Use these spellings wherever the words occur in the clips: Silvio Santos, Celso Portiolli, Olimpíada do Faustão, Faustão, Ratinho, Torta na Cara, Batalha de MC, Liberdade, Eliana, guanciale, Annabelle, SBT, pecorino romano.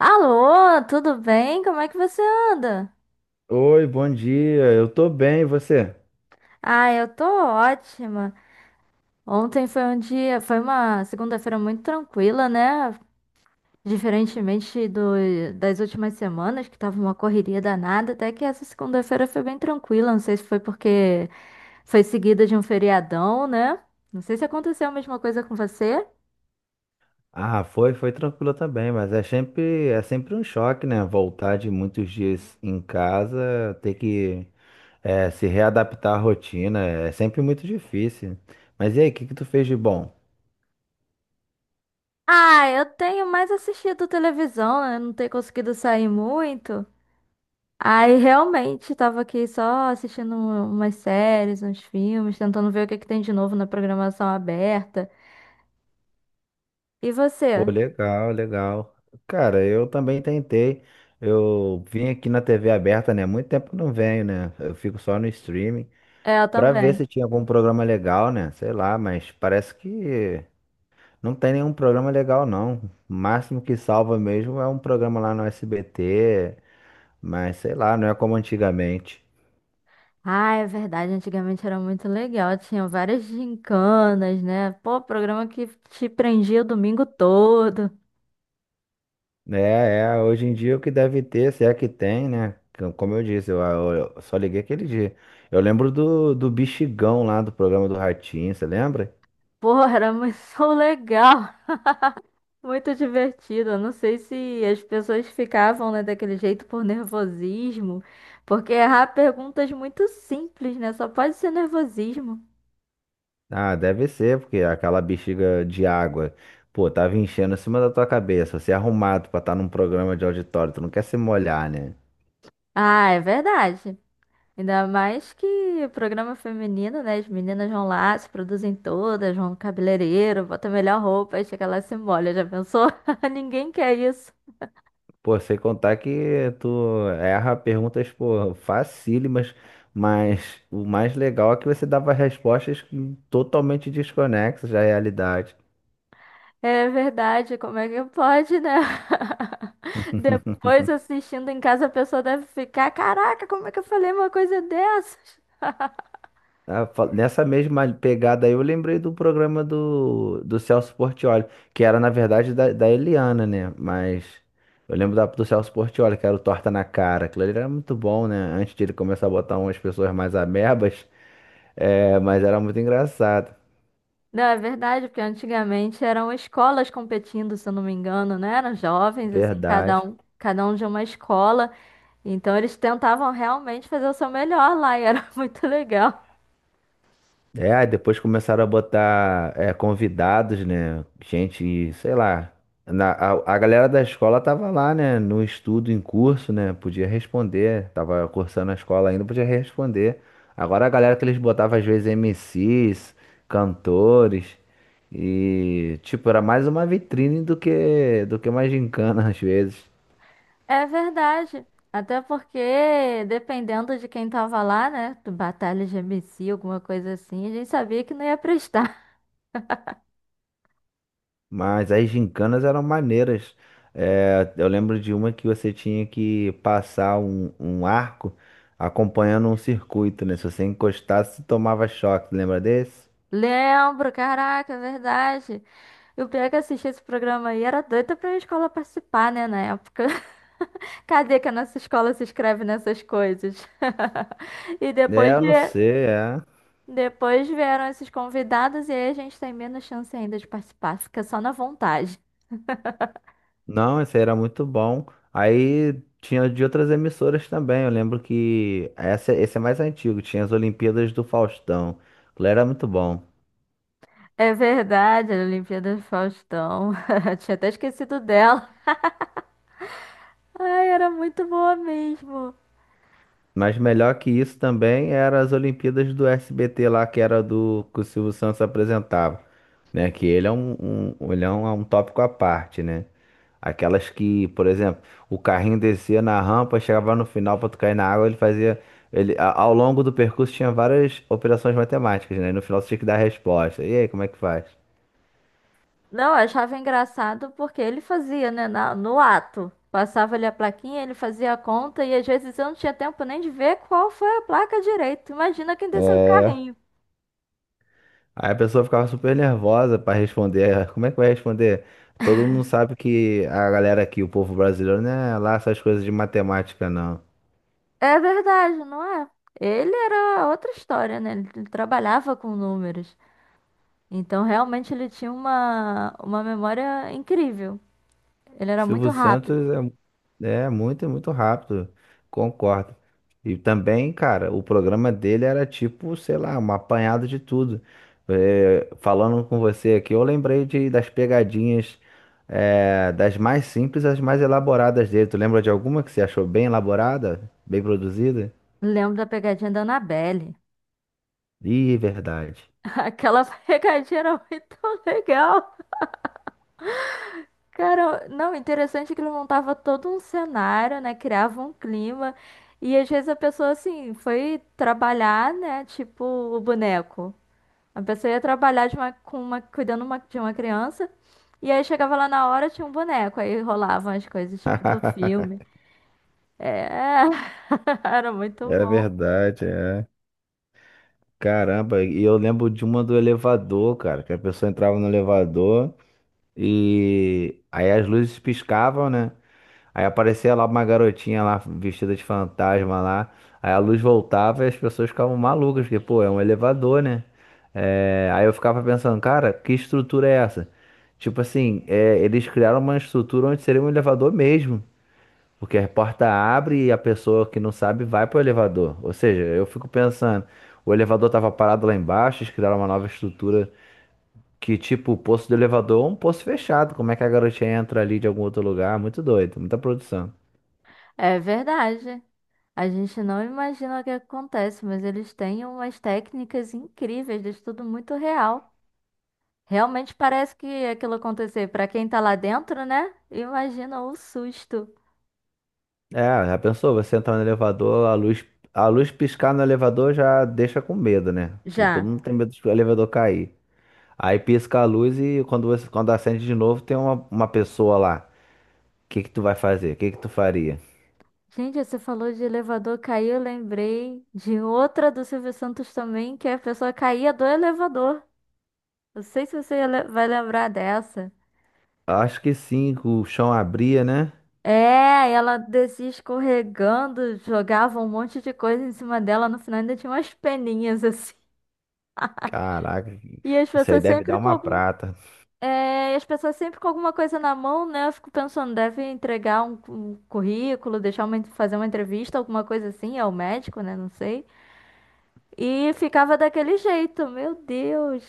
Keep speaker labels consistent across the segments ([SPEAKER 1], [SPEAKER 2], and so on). [SPEAKER 1] Alô, tudo bem? Como é que você anda?
[SPEAKER 2] Oi, bom dia. Eu tô bem, e você?
[SPEAKER 1] Ah, eu tô ótima. Ontem foi um dia, foi uma segunda-feira muito tranquila, né? Diferentemente do, das últimas semanas, que tava uma correria danada, até que essa segunda-feira foi bem tranquila. Não sei se foi porque foi seguida de um feriadão, né? Não sei se aconteceu a mesma coisa com você.
[SPEAKER 2] Ah, foi, foi tranquilo também, mas é sempre um choque, né? Voltar de muitos dias em casa, ter que se readaptar à rotina, é sempre muito difícil. Mas e aí, o que que tu fez de bom?
[SPEAKER 1] Ah, eu tenho mais assistido televisão, né? Não tenho conseguido sair muito. Aí realmente tava aqui só assistindo um, umas séries, uns filmes, tentando ver o que que tem de novo na programação aberta. E
[SPEAKER 2] Pô,
[SPEAKER 1] você?
[SPEAKER 2] legal, legal. Cara, eu também tentei. Eu vim aqui na TV aberta, né? Muito tempo eu não venho, né? Eu fico só no streaming
[SPEAKER 1] É, eu
[SPEAKER 2] pra ver
[SPEAKER 1] também.
[SPEAKER 2] se tinha algum programa legal, né? Sei lá, mas parece que não tem nenhum programa legal, não. O máximo que salva mesmo é um programa lá no SBT, mas sei lá, não é como antigamente.
[SPEAKER 1] Ah, é verdade, antigamente era muito legal, tinha várias gincanas, né? Pô, programa que te prendia o domingo todo.
[SPEAKER 2] É, é, hoje em dia o que deve ter, se é que tem, né? Como eu disse, eu só liguei aquele dia. Eu lembro do bexigão lá do programa do Ratinho, você lembra?
[SPEAKER 1] Pô, era muito legal, muito divertido. Eu não sei se as pessoas ficavam, né, daquele jeito por nervosismo, porque errar perguntas muito simples, né? Só pode ser nervosismo.
[SPEAKER 2] Ah, deve ser, porque aquela bexiga de água, pô, tava enchendo em cima da tua cabeça. Você é arrumado pra estar num programa de auditório, tu não quer se molhar, né?
[SPEAKER 1] Ah, é verdade. Ainda mais que o programa é feminino, né? As meninas vão lá, se produzem todas, vão no cabeleireiro, botam a melhor roupa e chega lá e se molha. Já pensou? Ninguém quer isso.
[SPEAKER 2] Pô, sem contar que tu erra perguntas, pô, facílimas, mas o mais legal é que você dava respostas totalmente desconexas da realidade.
[SPEAKER 1] É verdade, como é que pode, né? Depois assistindo em casa, a pessoa deve ficar, caraca, como é que eu falei uma coisa dessas?
[SPEAKER 2] Nessa mesma pegada aí, eu lembrei do programa do Celso Portiolli, que era, na verdade, da Eliana, né? Mas eu lembro do Celso Portiolli, que era o Torta na Cara. Aquilo ali era muito bom, né? Antes de ele começar a botar umas pessoas mais amebas, é, mas era muito engraçado.
[SPEAKER 1] Não, é verdade, porque antigamente eram escolas competindo, se eu não me engano, né? Eram jovens, assim,
[SPEAKER 2] Verdade.
[SPEAKER 1] cada um de uma escola. Então eles tentavam realmente fazer o seu melhor lá e era muito legal.
[SPEAKER 2] É, aí depois começaram a botar convidados, né? Gente, sei lá. A galera da escola tava lá, né? No estudo, em curso, né? Podia responder. Tava cursando a escola ainda, podia responder. Agora a galera que eles botavam, às vezes, MCs, cantores. E, tipo, era mais uma vitrine do que uma gincana, às vezes.
[SPEAKER 1] É verdade. Até porque, dependendo de quem tava lá, né? Do Batalha de MC, alguma coisa assim, a gente sabia que não ia prestar.
[SPEAKER 2] Mas as gincanas eram maneiras. É, eu lembro de uma que você tinha que passar um arco acompanhando um circuito, né? Se você encostasse, tomava choque. Lembra desse?
[SPEAKER 1] Lembro, caraca, é verdade. E o pior é que eu esse programa aí, era doida pra minha escola participar, né, na época. Cadê que a nossa escola se inscreve nessas coisas? E
[SPEAKER 2] É,
[SPEAKER 1] depois,
[SPEAKER 2] eu não sei, é.
[SPEAKER 1] depois vieram esses convidados e aí a gente tem menos chance ainda de participar, fica só na vontade.
[SPEAKER 2] Não, esse aí era muito bom. Aí tinha de outras emissoras também. Eu lembro que esse é mais antigo. Tinha as Olimpíadas do Faustão. Aquilo era muito bom.
[SPEAKER 1] É verdade, a Olimpíada do Faustão. Tinha até esquecido dela. Ai, era muito boa mesmo.
[SPEAKER 2] Mas melhor que isso também era as Olimpíadas do SBT lá, que era do que o Silvio Santos apresentava, né? Que ele é um, um tópico à parte, né? Aquelas que, por exemplo, o carrinho descia na rampa, chegava no final para tu cair na água, ele fazia. Ele, ao longo do percurso tinha várias operações matemáticas, né? E no final você tinha que dar a resposta. E aí, como é que faz?
[SPEAKER 1] Não, eu achava engraçado porque ele fazia, né, no ato. Passava ali a plaquinha, ele fazia a conta e às vezes eu não tinha tempo nem de ver qual foi a placa direito. Imagina quem desceu o
[SPEAKER 2] é
[SPEAKER 1] carrinho.
[SPEAKER 2] Aí a pessoa ficava super nervosa pra responder. "Ah, como é que vai responder? Todo mundo sabe que a galera aqui, o povo brasileiro, não é lá essas coisas de matemática, não."
[SPEAKER 1] É verdade, não é? Ele era outra história, né? Ele trabalhava com números. Então, realmente, ele tinha uma memória incrível. Ele era muito
[SPEAKER 2] Silvio Santos
[SPEAKER 1] rápido.
[SPEAKER 2] é, é muito, muito rápido, concordo. E também, cara, o programa dele era tipo, sei lá, um apanhado de tudo. É, falando com você aqui, eu lembrei de, das pegadinhas, é, das mais simples às mais elaboradas dele. Tu lembra de alguma que você achou bem elaborada, bem produzida?
[SPEAKER 1] Lembro da pegadinha da Annabelle.
[SPEAKER 2] Ih, verdade.
[SPEAKER 1] Aquela pegadinha era muito legal. Cara, não, interessante que ele montava todo um cenário, né? Criava um clima. E às vezes a pessoa, assim, foi trabalhar, né? Tipo o boneco. A pessoa ia trabalhar de uma, com uma, de uma criança e aí chegava lá na hora tinha um boneco, aí rolavam as coisas tipo do filme. É, era muito
[SPEAKER 2] Era
[SPEAKER 1] bom.
[SPEAKER 2] verdade, é. Caramba, e eu lembro de uma do elevador, cara, que a pessoa entrava no elevador e aí as luzes piscavam, né? Aí aparecia lá uma garotinha lá vestida de fantasma lá. Aí a luz voltava e as pessoas ficavam malucas, porque, pô, é um elevador, né? É, aí eu ficava pensando, cara, que estrutura é essa? Tipo assim, é, eles criaram uma estrutura onde seria um elevador mesmo. Porque a porta abre e a pessoa que não sabe vai pro elevador. Ou seja, eu fico pensando, o elevador tava parado lá embaixo, eles criaram uma nova estrutura que, tipo, o poço do elevador é um poço fechado. Como é que a garotinha entra ali de algum outro lugar? Muito doido, muita produção.
[SPEAKER 1] É verdade. A gente não imagina o que acontece, mas eles têm umas técnicas incríveis, de tudo muito real. Realmente parece que aquilo aconteceu para quem tá lá dentro, né? Imagina o susto.
[SPEAKER 2] É, já pensou? Você entrar no elevador, a luz piscar no elevador já deixa com medo, né? Porque todo
[SPEAKER 1] Já.
[SPEAKER 2] mundo tem medo de o elevador cair. Aí pisca a luz e quando acende de novo tem uma pessoa lá. O que que tu vai fazer? O que que tu faria?
[SPEAKER 1] Gente, você falou de elevador cair, eu lembrei de outra do Silvio Santos também, que a pessoa caía do elevador. Não sei se você vai lembrar dessa.
[SPEAKER 2] Acho que sim, que o chão abria, né?
[SPEAKER 1] É, ela descia escorregando, jogava um monte de coisa em cima dela, no final ainda tinha umas peninhas assim.
[SPEAKER 2] Caraca,
[SPEAKER 1] E as
[SPEAKER 2] isso aí
[SPEAKER 1] pessoas
[SPEAKER 2] deve dar
[SPEAKER 1] sempre com
[SPEAKER 2] uma
[SPEAKER 1] algum-
[SPEAKER 2] prata.
[SPEAKER 1] é, e as pessoas sempre com alguma coisa na mão, né? Eu fico pensando, deve entregar um, um currículo, deixar uma, fazer uma entrevista, alguma coisa assim, ao médico, né? Não sei. E ficava daquele jeito, meu Deus.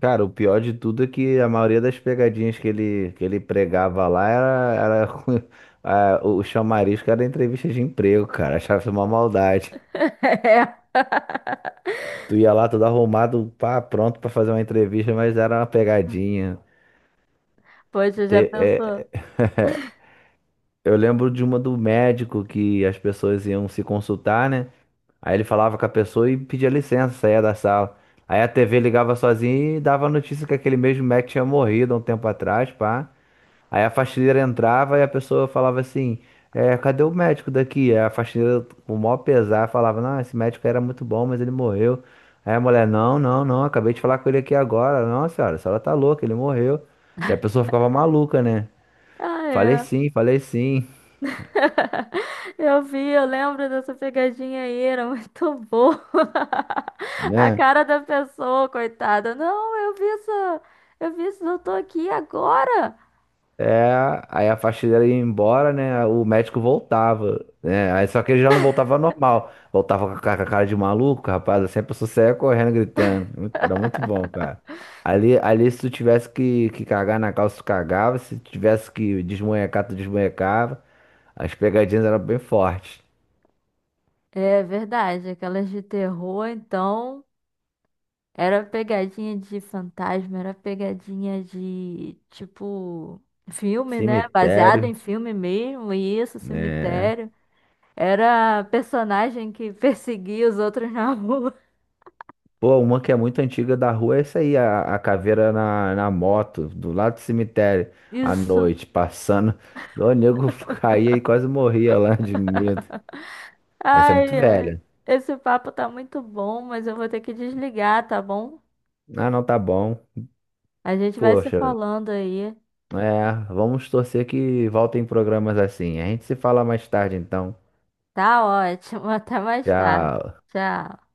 [SPEAKER 2] Cara, o pior de tudo é que a maioria das pegadinhas que ele pregava lá era o chamarisco era entrevista de emprego, cara. Achava isso uma maldade.
[SPEAKER 1] É.
[SPEAKER 2] Tu ia lá todo arrumado, pá, pronto pra fazer uma entrevista, mas era uma pegadinha.
[SPEAKER 1] Poxa, já
[SPEAKER 2] Te-
[SPEAKER 1] pensou?
[SPEAKER 2] é- Eu lembro de uma do médico que as pessoas iam se consultar, né? Aí ele falava com a pessoa e pedia licença, saía da sala. Aí a TV ligava sozinha e dava a notícia que aquele mesmo médico tinha morrido há um tempo atrás, pá. Aí a faxineira entrava e a pessoa falava assim: cadê o médico daqui? Aí a faxineira, com o maior pesar, falava: não, esse médico era muito bom, mas ele morreu. Aí a mulher: não, não, não, acabei de falar com ele aqui agora. Não, senhora, a senhora tá louca, ele morreu. E a pessoa ficava maluca, né?
[SPEAKER 1] Ah, é.
[SPEAKER 2] Falei sim,
[SPEAKER 1] Eu vi, eu lembro dessa pegadinha aí, era muito boa. A
[SPEAKER 2] né?
[SPEAKER 1] cara da pessoa, coitada. Não, eu vi isso, eu vi isso, eu tô aqui agora.
[SPEAKER 2] É, aí a faxineira ia embora, né? O médico voltava, né? Aí só que ele já não voltava normal, voltava com a com a cara de maluco, rapaz. Assim a pessoa saía correndo, gritando. Era muito bom, cara. Ali, ali se tu tivesse que cagar na calça, tu cagava. Se tivesse que desmonhecar, tu desmonhecava. As pegadinhas eram bem fortes.
[SPEAKER 1] É verdade, aquelas de terror, então, era pegadinha de fantasma, era pegadinha de, tipo, filme, né? Baseado em
[SPEAKER 2] Cemitério,
[SPEAKER 1] filme mesmo, isso,
[SPEAKER 2] né?
[SPEAKER 1] cemitério. Era a personagem que perseguia os outros na rua.
[SPEAKER 2] Pô, uma que é muito antiga da rua é essa aí, a caveira na moto, do lado do cemitério, à
[SPEAKER 1] Isso.
[SPEAKER 2] noite, passando. O nego caía e quase morria lá de medo. Essa é muito
[SPEAKER 1] Ai, ai.
[SPEAKER 2] velha.
[SPEAKER 1] Esse papo tá muito bom, mas eu vou ter que desligar, tá bom?
[SPEAKER 2] Ah, não, tá bom.
[SPEAKER 1] A gente vai se
[SPEAKER 2] Poxa,
[SPEAKER 1] falando aí.
[SPEAKER 2] é, vamos torcer que voltem programas assim. A gente se fala mais tarde, então.
[SPEAKER 1] Tá ótimo. Até mais tarde.
[SPEAKER 2] Já
[SPEAKER 1] Tchau.